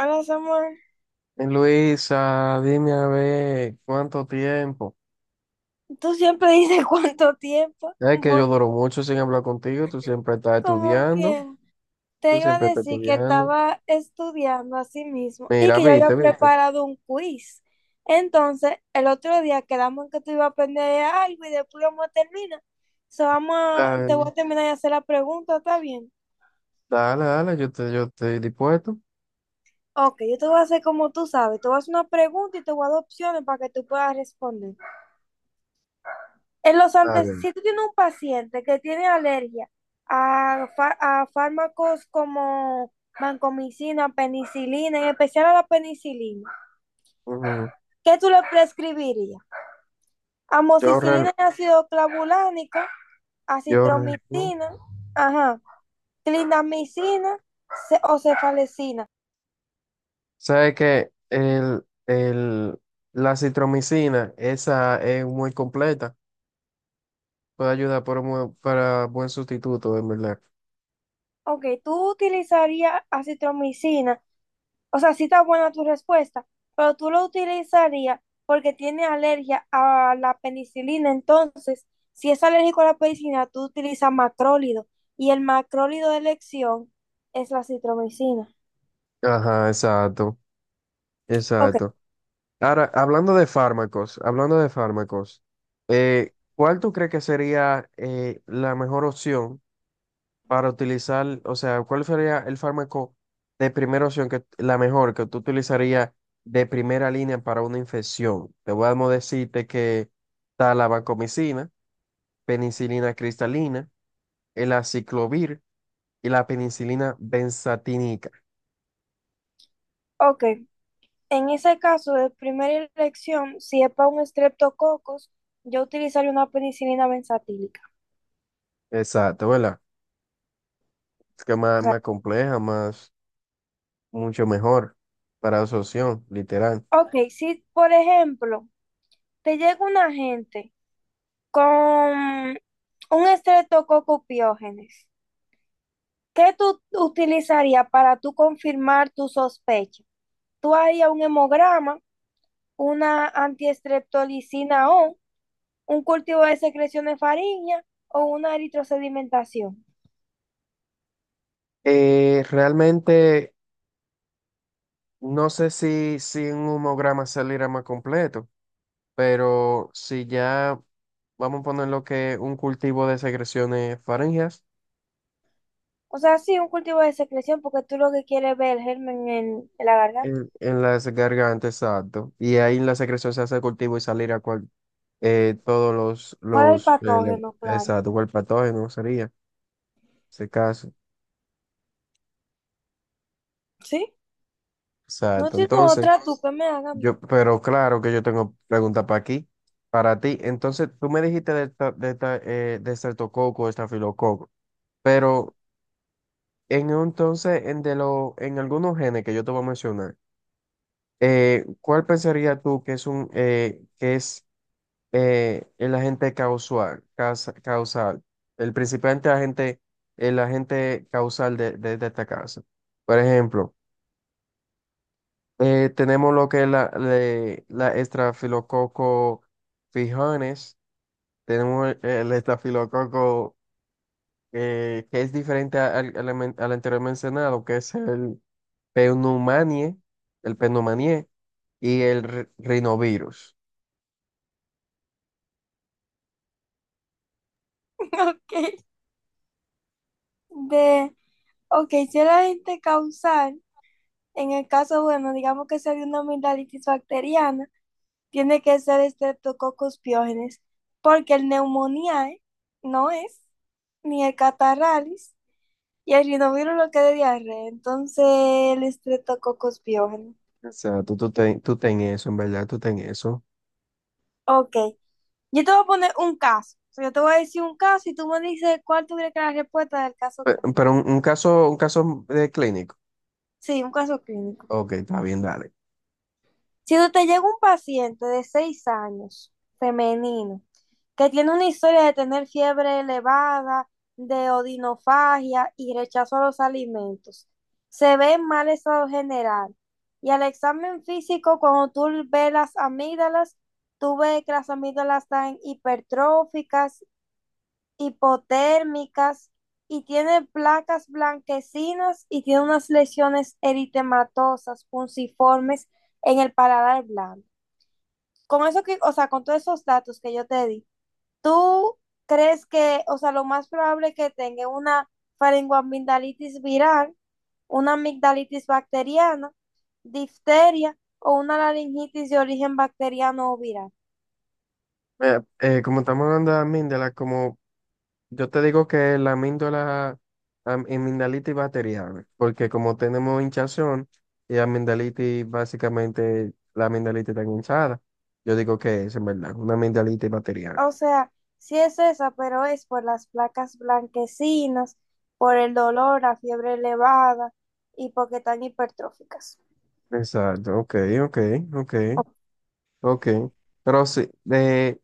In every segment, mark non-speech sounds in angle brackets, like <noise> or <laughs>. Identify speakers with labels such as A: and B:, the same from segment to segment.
A: Hola Samuel,
B: Luisa, dime a ver, ¿cuánto tiempo?
A: tú siempre <laughs> dices cuánto tiempo.
B: Es que yo
A: Bueno,
B: duro mucho sin hablar contigo, tú siempre estás
A: como
B: estudiando,
A: que te
B: tú
A: iba a
B: siempre estás
A: decir que
B: estudiando.
A: estaba estudiando a sí mismo y
B: Mira,
A: que yo
B: viste,
A: había
B: viste.
A: preparado un quiz. Entonces, el otro día quedamos en que tú ibas a aprender algo y después vamos a terminar. So,
B: Está
A: te voy a terminar de hacer la pregunta, ¿está bien?
B: Dale, dale, yo estoy dispuesto.
A: Ok, yo te voy a hacer como tú sabes. Te voy a hacer una pregunta y te voy a dar opciones para que tú puedas responder. En los
B: Está
A: antes,
B: bien.
A: si tú tienes un paciente que tiene alergia a fármacos como vancomicina, penicilina, en especial a la penicilina,
B: Ujú.
A: ¿qué tú le prescribirías?
B: Yo, real-
A: Amoxicilina y ácido clavulánico,
B: yo, re- Ujú.
A: acitromicina, ajá, clindamicina o cefalecina.
B: Sabes que la citromicina, esa es muy completa, puede ayudar para buen sustituto, en verdad.
A: Ok, tú utilizarías acitromicina. O sea, sí está buena tu respuesta, pero tú lo utilizarías porque tiene alergia a la penicilina. Entonces, si es alérgico a la penicilina, tú utilizas macrólido. Y el macrólido de elección es la citromicina.
B: Ajá, exacto,
A: Ok,
B: exacto. Ahora, hablando de fármacos, ¿cuál tú crees que sería la mejor opción para utilizar, o sea, cuál sería el fármaco de primera opción, la mejor que tú utilizarías de primera línea para una infección? Te voy a decirte que está la vancomicina, penicilina cristalina, el aciclovir y la penicilina benzatínica.
A: ok. En ese caso de primera elección, si es para un streptococos, yo utilizaría una penicilina benzatílica.
B: Exacto, ¿verdad? Es que más
A: Claro.
B: compleja, más... mucho mejor para absorción, literal.
A: Ok, si por ejemplo te llega una gente con un estreptococo piógenes. ¿Qué tú utilizarías para tú confirmar tu sospecha? Tú harías un hemograma, una antiestreptolicina O, un cultivo de secreciones faríngea o una eritrosedimentación.
B: Realmente no sé si en un homograma saliera más completo, pero si ya vamos a poner lo que un cultivo de secreciones faríngeas
A: O sea, sí, un cultivo de secreción porque tú lo que quieres es ver el germen en la garganta.
B: en las gargantas, exacto, y ahí en la secreción se hace el cultivo y saliera cual, todos
A: ¿Cuál es el
B: los le-
A: patógeno, claro?
B: exacto, cual patógeno sería ese caso,
A: ¿Sí? No
B: exacto.
A: tiene
B: Entonces,
A: otra tú que me hagan. <laughs>
B: Pero claro que yo tengo pregunta para aquí, para ti. Entonces, tú me dijiste de estreptococo, estafilococo, pero entonces, en algunos genes que yo te voy a mencionar, ¿cuál pensarías tú que es un que es el agente causal, causal, el principal agente, el agente causal de esta casa? Por ejemplo, tenemos lo que es la estrafilococo Fijones, tenemos el, estafilococo que es diferente al anterior mencionado, que es pneumanie, el pneumanie y el rinovirus.
A: Ok. De, ok, si era gente causal, en el caso, bueno, digamos que sea de una amigdalitis bacteriana, tiene que ser Streptococcus pyogenes, porque el Pneumoniae no es, ni el Catarralis, y el rinovirus lo que es de diarrea, entonces el Streptococcus pyogenes.
B: O sea, tú ten eso, en verdad, tú ten eso.
A: Ok, yo te voy a poner un caso, o sea, yo te voy a decir un caso y tú me dices cuál tuviera que la respuesta del caso clínico.
B: Pero, un caso de clínico.
A: Sí, un caso clínico.
B: Ok, está bien, dale.
A: Si tú te llega un paciente de 6 años, femenino, que tiene una historia de tener fiebre elevada, de odinofagia y rechazo a los alimentos, se ve en mal estado general. Y al examen físico, cuando tú ves las amígdalas, tú ves que las amígdalas están hipertróficas, hipotérmicas, y tiene placas blanquecinas y tiene unas lesiones eritematosas, punciformes en el paladar blanco. Con eso que, o sea, con todos esos datos que yo te di, ¿tú crees que, o sea, lo más probable es que tenga una faringoamigdalitis viral, una amigdalitis bacteriana, difteria o una laringitis de origen bacteriano o viral?
B: Como estamos hablando también de la como Yo te digo que la amigdalitis bacteriana, porque como tenemos hinchazón y amigdalitis, básicamente la amigdalitis está hinchada, yo digo que es en verdad, una amigdalitis bacteriana.
A: O sea, sí es esa, pero es por las placas blanquecinas, por el dolor, la fiebre elevada y porque están hipertróficas.
B: Exacto, ok, ok, ok, ok. Pero sí,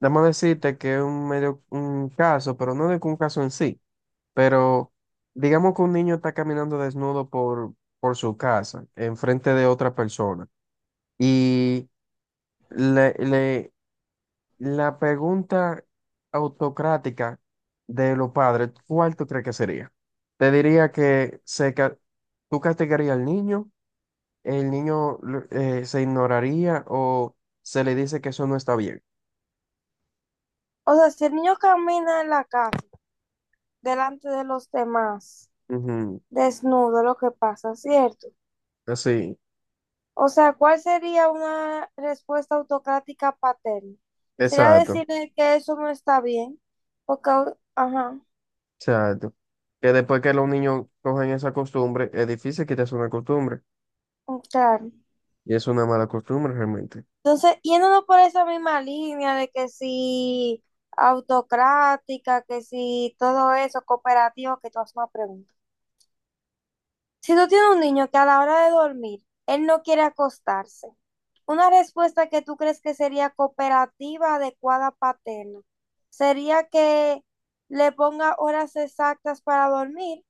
B: déjame decirte que es un medio, un caso, pero no de que un caso en sí, pero digamos que un niño está caminando desnudo por su casa, enfrente de otra persona. Le, le- la pregunta autocrática de los padres, ¿cuál tú crees que sería? Te diría que tú castigarías al niño, se ignoraría o se le dice que eso no está bien.
A: O sea, si el niño camina en la calle delante de los demás,
B: Ujú,
A: desnudo lo que pasa, ¿cierto?
B: así,
A: O sea, ¿cuál sería una respuesta autocrática paterna? Sería
B: exacto,
A: decirle que eso no está bien, porque, ajá,
B: exacto. Que después que los niños cogen esa costumbre, es difícil quitarse una costumbre
A: claro.
B: y es una mala costumbre realmente.
A: Entonces, yéndonos por esa misma línea de que si autocrática, que si todo eso, cooperativo, que tú haces una pregunta. Si tú tienes un niño que a la hora de dormir, él no quiere acostarse, una respuesta que tú crees que sería cooperativa, adecuada, paterna, sería que le ponga horas exactas para dormir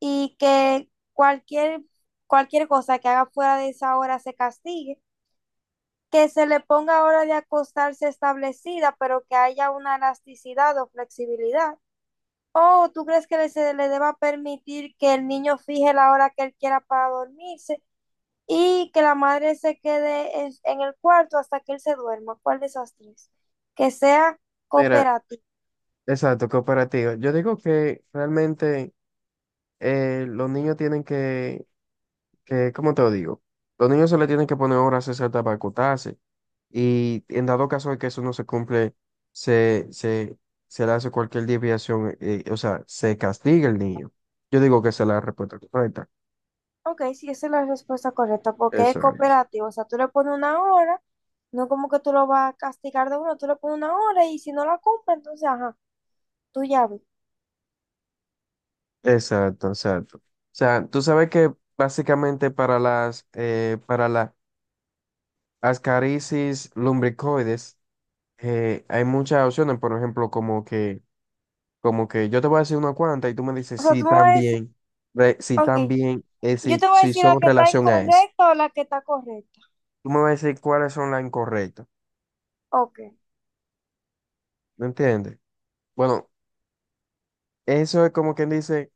A: y que cualquier, cualquier cosa que haga fuera de esa hora se castigue, que se le ponga hora de acostarse establecida, pero que haya una elasticidad o flexibilidad. ¿O tú crees que se le deba permitir que el niño fije la hora que él quiera para dormirse y que la madre se quede en el cuarto hasta que él se duerma? ¿Cuál de esas tres? Que sea
B: Mira,
A: cooperativo.
B: exacto, cooperativo. Yo digo que realmente. Los niños tienen ¿cómo te lo digo? Los niños se le tienen que poner horas exactas para acotarse. Y en dado caso de que eso no se cumple, se, se, se le hace cualquier desviación, o sea, se castiga el niño. Yo digo que esa es la respuesta correcta.
A: Ok, sí, esa es la respuesta correcta, porque es
B: Eso,
A: cooperativo. O sea, tú le pones una hora, no como que tú lo vas a castigar de uno, tú le pones una hora y si no la cumple, entonces, ajá, tú ya ves.
B: exacto, exacto. O sea, tú sabes que básicamente para las ascarisis lumbricoides, hay muchas opciones, por ejemplo, Como que yo te voy a decir una cuanta y tú me dices
A: O sea, tú me vas a decir,
B: si
A: ok,
B: también,
A: yo
B: si,
A: te voy a
B: si
A: decir la
B: son
A: que está
B: relación a eso.
A: incorrecta o la que está correcta.
B: Tú me vas a decir cuáles son las incorrectas.
A: Ok,
B: ¿Me entiendes? Bueno, eso es como quien dice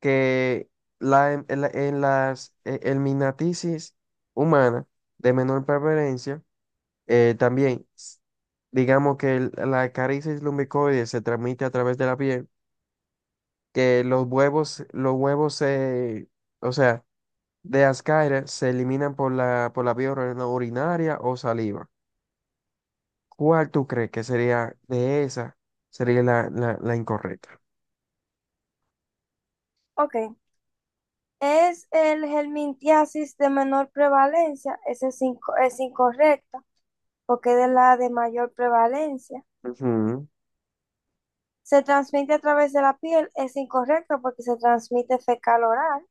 B: que la, en la- en las el humana de menor preferencia, también, digamos que la caricis lumbicoide se transmite a través de la piel, que los huevos se, o sea, de las se eliminan por la vía urinaria o saliva. ¿Cuál tú crees que sería de esa? Sería la incorrecta.
A: ok. Es el helmintiasis de menor prevalencia, ese es, es incorrecta, porque es de la de mayor prevalencia.
B: Ujú,
A: Se transmite a través de la piel, es incorrecto porque se transmite fecal oral,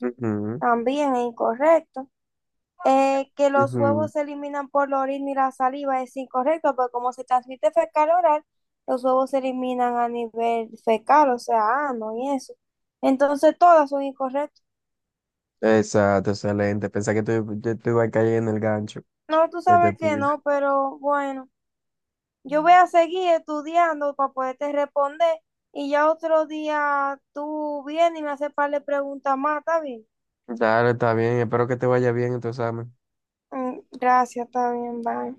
B: ujú,
A: también es incorrecto. Que los
B: ujú.
A: huevos se eliminan por la orina y la saliva es incorrecto, porque como se transmite fecal oral, los huevos se eliminan a nivel fecal, o sea, ano y eso. Entonces todas son incorrectas.
B: Exacto, excelente. Pensé que tú yo te iba a caer en el gancho
A: No, tú
B: que te
A: sabes que
B: puse.
A: no, pero bueno. Yo voy a
B: Ujú.
A: seguir estudiando para poderte responder y ya otro día tú vienes y me haces par de preguntas más, ¿está bien?
B: Dale, está bien. Espero que te vaya bien en tu examen.
A: Mm, gracias, está bien, bye.